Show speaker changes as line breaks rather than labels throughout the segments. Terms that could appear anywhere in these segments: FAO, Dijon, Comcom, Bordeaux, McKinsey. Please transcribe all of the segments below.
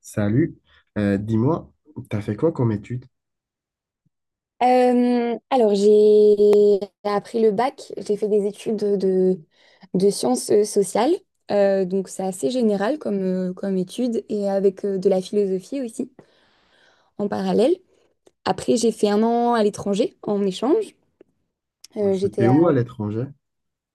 Salut, dis-moi, t'as fait quoi comme étude?
J'ai appris le bac, j'ai fait des études de sciences sociales. Donc c'est assez général comme étude et avec de la philosophie aussi en parallèle. Après, j'ai fait un an à l'étranger en échange. Euh, j'étais
C'était
à,
où à l'étranger?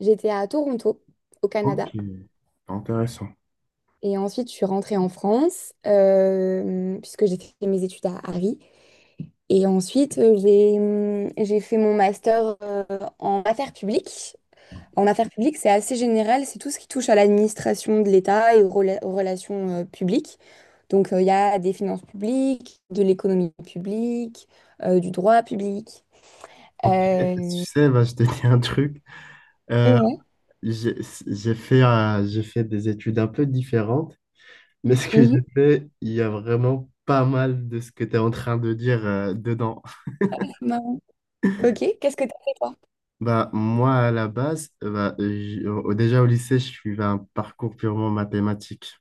j'étais à Toronto, au
Ok,
Canada.
intéressant.
Et ensuite, je suis rentrée en France puisque j'ai fait mes études à Paris. Et ensuite, j'ai fait mon master en affaires publiques. En affaires publiques, c'est assez général, c'est tout ce qui touche à l'administration de l'État et aux relations publiques. Donc, il y a des finances publiques, de l'économie publique, du droit public.
Ok, tu
Euh,
sais, bah, je te dis un truc.
et
Euh,
ouais.
j'ai j'ai fait, j'ai fait des études un peu différentes, mais ce que
Mhm.
j'ai fait, il y a vraiment pas mal de ce que tu es en train de dire dedans.
Marrant. Ok, qu'est-ce que t'as fait toi?
Bah, moi, à la base, bah, déjà au lycée, je suivais un parcours purement mathématique.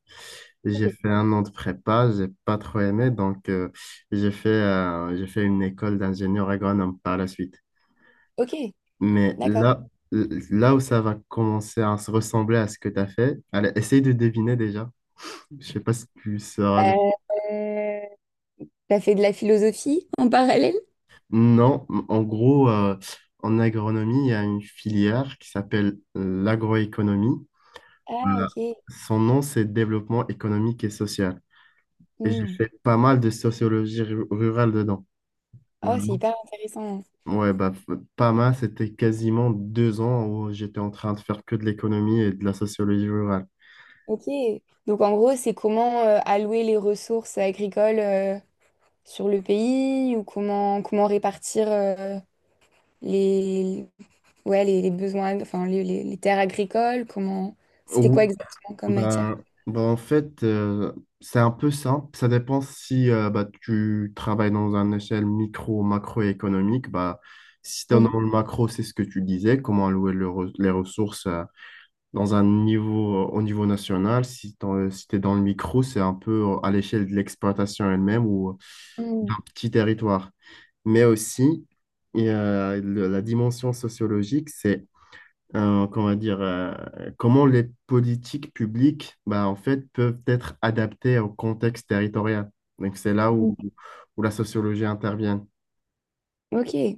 J'ai fait un an de prépa, j'ai pas trop aimé, donc j'ai fait une école d'ingénieur agronome par la suite.
Ok,
Mais
d'accord.
là, là où ça va commencer à se ressembler à ce que tu as fait, allez, essaye de deviner déjà. Je sais pas si tu sauras.
Euh, t'as fait de la philosophie en parallèle?
Non, en gros, en agronomie, il y a une filière qui s'appelle l'agroéconomie.
Ah,
Euh,
ok.
Son nom, c'est Développement économique et social. Et j'ai
Hmm.
fait pas mal de sociologie rurale dedans.
Oh, c'est
Vraiment.
hyper intéressant.
Ouais, bah, pas mal. C'était quasiment 2 ans où j'étais en train de faire que de l'économie et de la sociologie rurale.
Ok. Donc, en gros, c'est comment allouer les ressources agricoles sur le pays ou comment répartir les, ouais, les besoins, enfin les terres agricoles, comment c'était quoi
Ou,
exactement comme matière?
bah, bah, en fait, c'est un peu ça. Ça dépend si bah, tu travailles dans une échelle micro ou macroéconomique. Bah, si tu es dans
Mhm.
le macro, c'est ce que tu disais, comment allouer les ressources. Dans un niveau, au niveau national, si tu es dans le micro, c'est un peu à l'échelle de l'exploitation elle-même ou d'un
Mm,
petit territoire. Mais aussi, il y a la dimension sociologique, c'est comment dire, comment les politiques publiques bah, en fait, peuvent être adaptées au contexte territorial. Donc, c'est là
mm.
où la sociologie intervient.
Ok,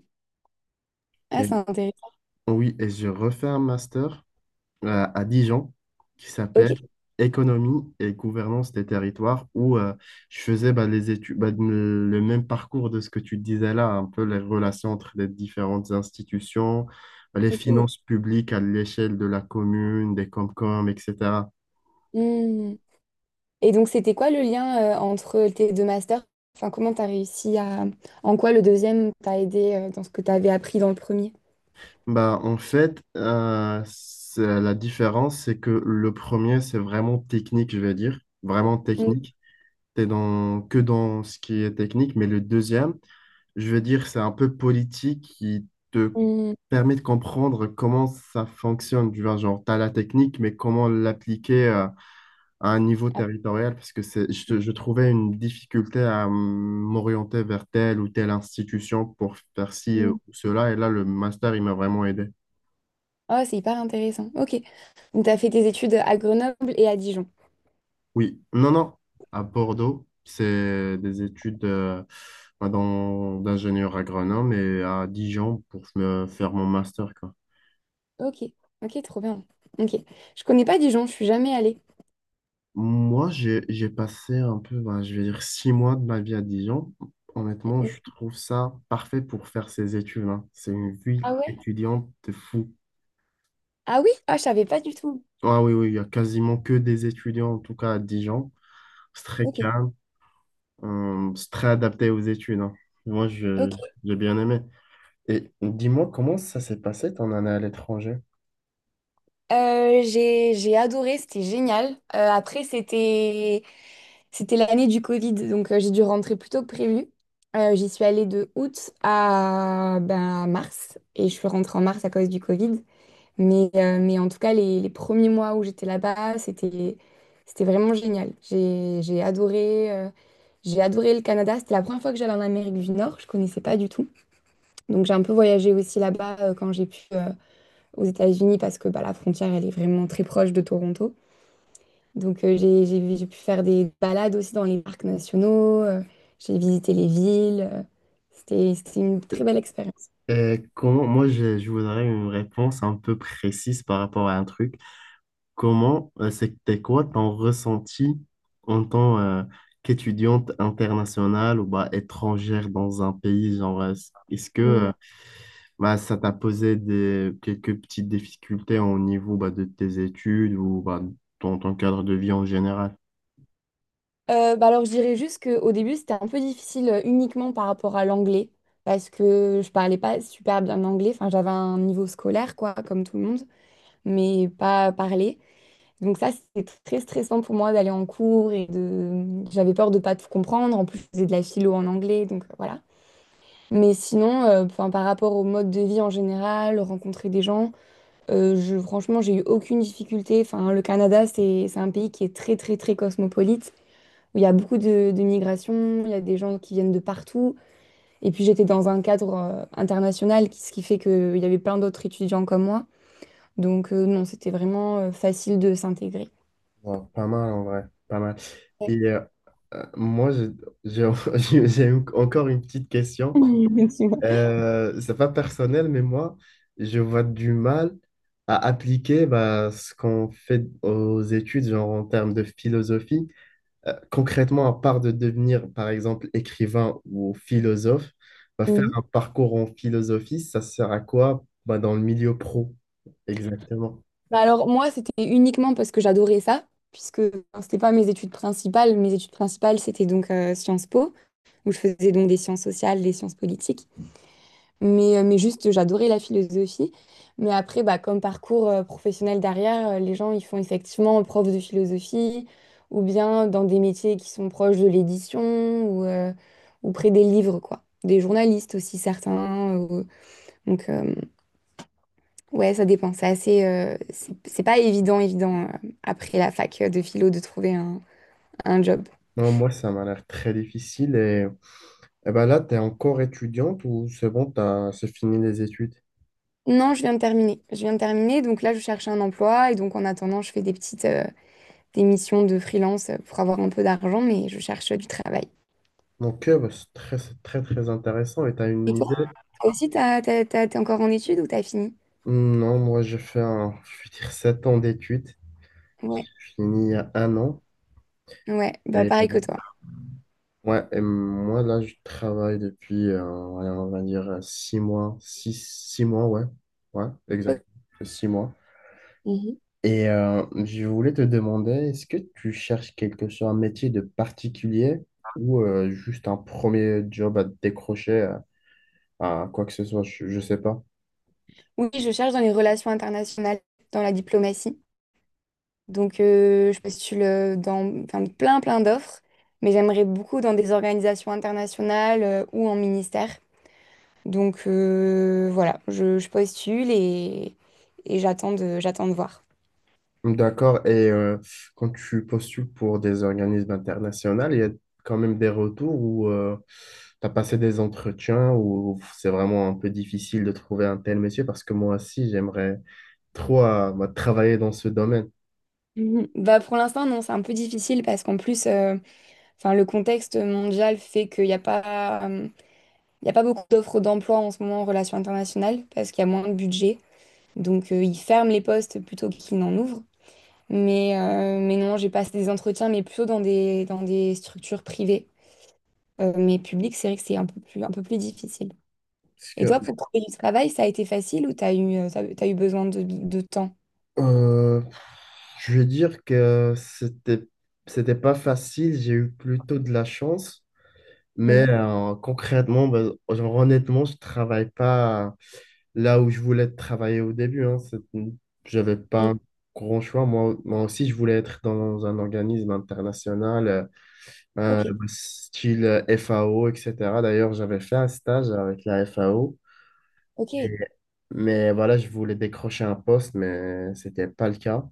ah,
Et,
c'est intéressant.
oui, et je refais un master à Dijon qui
Ok,
s'appelle Économie et gouvernance des territoires où je faisais bah, les études, bah, le même parcours de ce que tu disais là, un peu les relations entre les différentes institutions, les
ok.
finances publiques à l'échelle de la commune, des Comcom, etc.
Mm. Et donc c'était quoi le lien entre tes deux masters? Enfin, comment t'as réussi à... En quoi le deuxième t'a aidé dans ce que t'avais appris dans le premier?
Bah, en fait, la différence, c'est que le premier, c'est vraiment technique, je vais dire, vraiment
Mm,
technique. T'es dans, que dans ce qui est technique, mais le deuxième, je veux dire, c'est un peu politique qui te
mm.
permet de comprendre comment ça fonctionne. Tu vois, genre, tu as la technique, mais comment l'appliquer à un niveau
Ah,
territorial, parce que c'est, je trouvais une difficulté à m'orienter vers telle ou telle institution pour faire ci ou
mm.
cela, et là, le master, il m'a vraiment aidé.
Oh, c'est hyper intéressant. Ok. Donc, tu as fait tes études à Grenoble et à Dijon.
Oui, non, non, à Bordeaux, c'est des études bah, d'ingénieur agronome et à Dijon pour me faire mon master, quoi.
Ok, ok, trop bien. Ok. Je connais pas Dijon, je suis jamais allée.
Moi, j'ai passé un peu, ben, je vais dire, 6 mois de ma vie à Dijon. Honnêtement, je trouve ça parfait pour faire ces études, hein. C'est une ville
Ah ouais?
étudiante de fou.
Ah oui? Ah, je savais pas du tout.
Ah oui, oui, il y a quasiment que des étudiants, en tout cas à Dijon. C'est très
Ok,
calme, c'est très adapté aux études, hein. Moi,
ok.
j'ai bien aimé. Et dis-moi, comment ça s'est passé ton année à l'étranger?
J'ai adoré, c'était génial. C'était l'année du Covid, donc j'ai dû rentrer plus tôt que prévu. J'y suis allée de août à ben, mars, et je suis rentrée en mars à cause du Covid. Mais en tout cas, les premiers mois où j'étais là-bas, c'était vraiment génial. J'ai adoré le Canada. C'était la première fois que j'allais en Amérique du Nord. Je connaissais pas du tout. Donc j'ai un peu voyagé aussi là-bas quand j'ai pu aux États-Unis parce que bah, la frontière, elle est vraiment très proche de Toronto. Donc j'ai pu faire des balades aussi dans les parcs nationaux. J'ai visité les villes. C'était une très belle expérience.
Et comment, moi, je voudrais une réponse un peu précise par rapport à un truc. Comment, c'était quoi ton ressenti en tant qu'étudiante internationale ou bah, étrangère dans un pays? Genre, est-ce que bah, ça t'a posé des, quelques petites difficultés au niveau bah, de tes études ou bah, dans ton cadre de vie en général?
Bah alors, je dirais juste qu'au début, c'était un peu difficile uniquement par rapport à l'anglais, parce que je parlais pas super bien anglais. Enfin, j'avais un niveau scolaire, quoi, comme tout le monde, mais pas parler. Donc ça, c'était très stressant pour moi d'aller en cours et de... J'avais peur de pas tout comprendre. En plus, je faisais de la philo en anglais, donc voilà. Mais sinon, enfin, par rapport au mode de vie en général, rencontrer des gens, franchement, j'ai eu aucune difficulté. Enfin, le Canada, c'est un pays qui est très, très, très cosmopolite où il y a beaucoup de migrations, il y a des gens qui viennent de partout. Et puis j'étais dans un cadre international, ce qui fait qu'il y avait plein d'autres étudiants comme moi. Donc non, c'était vraiment facile de s'intégrer.
Bon, pas mal en vrai, pas mal. Et
Ouais.
moi, je- j'ai encore une petite question.
Tu vois.
C'est pas personnel, mais moi, je vois du mal à appliquer bah, ce qu'on fait aux études, genre en termes de philosophie. Concrètement, à part de devenir, par exemple, écrivain ou philosophe, bah, faire
Mhm.
un parcours en philosophie, ça sert à quoi bah, dans le milieu pro, exactement.
Bah alors moi, c'était uniquement parce que j'adorais ça, puisque enfin, c'était pas mes études principales. Mes études principales, c'était donc Sciences Po, où je faisais donc des sciences sociales, des sciences politiques. Mais juste, j'adorais la philosophie. Mais après, bah, comme parcours professionnel derrière, les gens, ils font effectivement prof de philosophie ou bien dans des métiers qui sont proches de l'édition ou, euh, ou près des livres, quoi. Des journalistes aussi, certains. Donc, ouais, ça dépend. C'est assez, c'est pas évident, après la fac de philo, de trouver un job.
Non, moi, ça m'a l'air très difficile et. Eh ben là, tu es encore étudiante ou c'est bon, c'est fini les études?
Non, je viens de terminer. Je viens de terminer. Donc là, je cherche un emploi et donc en attendant, je fais des des missions de freelance pour avoir un peu d'argent, mais je cherche du travail.
Donc, bah, c'est très, très intéressant. Et tu as
Et
une
toi,
idée?
toi aussi, t'as, t'as- t'as- t'es encore en études ou t'as fini?
Non, moi, j'ai fait un, je vais dire, 7 ans d'études.
Ouais,
J'ai fini il y a un an.
ouais, bah
Et,
pareil que toi.
ouais, et moi, là, je travaille depuis, ouais, on va dire, 6 mois. 6 mois, ouais. Ouais, exact. 6 mois.
Mhm.
Et je voulais te demander, est-ce que tu cherches quelque chose, un métier de particulier ou juste un premier job à te décrocher? À quoi que ce soit, je sais pas.
Oui, je cherche dans les relations internationales, dans la diplomatie. Donc, je postule dans enfin, plein d'offres, mais j'aimerais beaucoup dans des organisations internationales ou en ministère. Donc, voilà, je postule et j'attends j'attends de voir.
D'accord. Et quand tu postules pour des organismes internationaux, il y a quand même des retours où tu as passé des entretiens où c'est vraiment un peu difficile de trouver un tel monsieur parce que moi aussi, j'aimerais trop moi, travailler dans ce domaine.
Mhm. Bah pour l'instant, non, c'est un peu difficile parce qu'en plus, enfin, le contexte mondial fait qu'il n'y a pas, il y a pas beaucoup d'offres d'emploi en ce moment en relations internationales parce qu'il y a moins de budget. Donc, ils ferment les postes plutôt qu'ils n'en ouvrent. Mais non, j'ai passé des entretiens, mais plutôt dans dans des structures privées. Mais publiques, c'est vrai que c'est un peu plus difficile.
Parce
Et
que.
toi, pour trouver du travail, ça a été facile ou t'as eu besoin de temps?
Euh, je vais dire que c'était pas facile, j'ai eu plutôt de la chance, mais
Mhm.
concrètement, ben, genre, honnêtement, je travaille pas là où je voulais travailler au début, hein. J'avais pas
Mhm.
un grand choix. Moi, moi aussi, je voulais être dans un organisme international,
Ok,
style FAO, etc. D'ailleurs, j'avais fait un stage avec la FAO,
ok.
mais voilà, je voulais décrocher un poste, mais c'était pas le cas.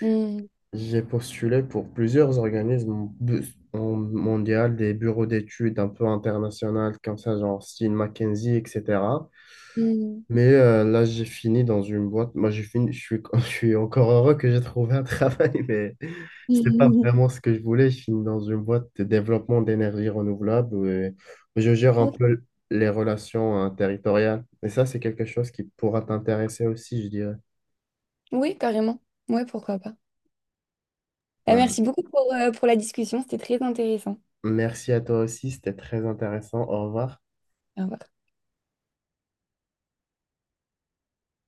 Mhm.
J'ai postulé pour plusieurs organismes en mondial, des bureaux d'études un peu internationales, comme ça, genre style McKinsey, etc.
Mhm.
Mais là, j'ai fini dans une boîte. Moi, j'ai fini, je suis encore heureux que j'ai trouvé un travail, mais c'était pas vraiment ce que je voulais. Je finis dans une boîte de développement d'énergie renouvelable où, je gère un
Ok.
peu les relations territoriales. Et ça, c'est quelque chose qui pourra t'intéresser aussi, je dirais.
Oui, carrément. Ouais, pourquoi pas. Bah,
Ouais.
merci beaucoup pour la discussion, c'était très intéressant.
Merci à toi aussi, c'était très intéressant. Au revoir.
Au revoir.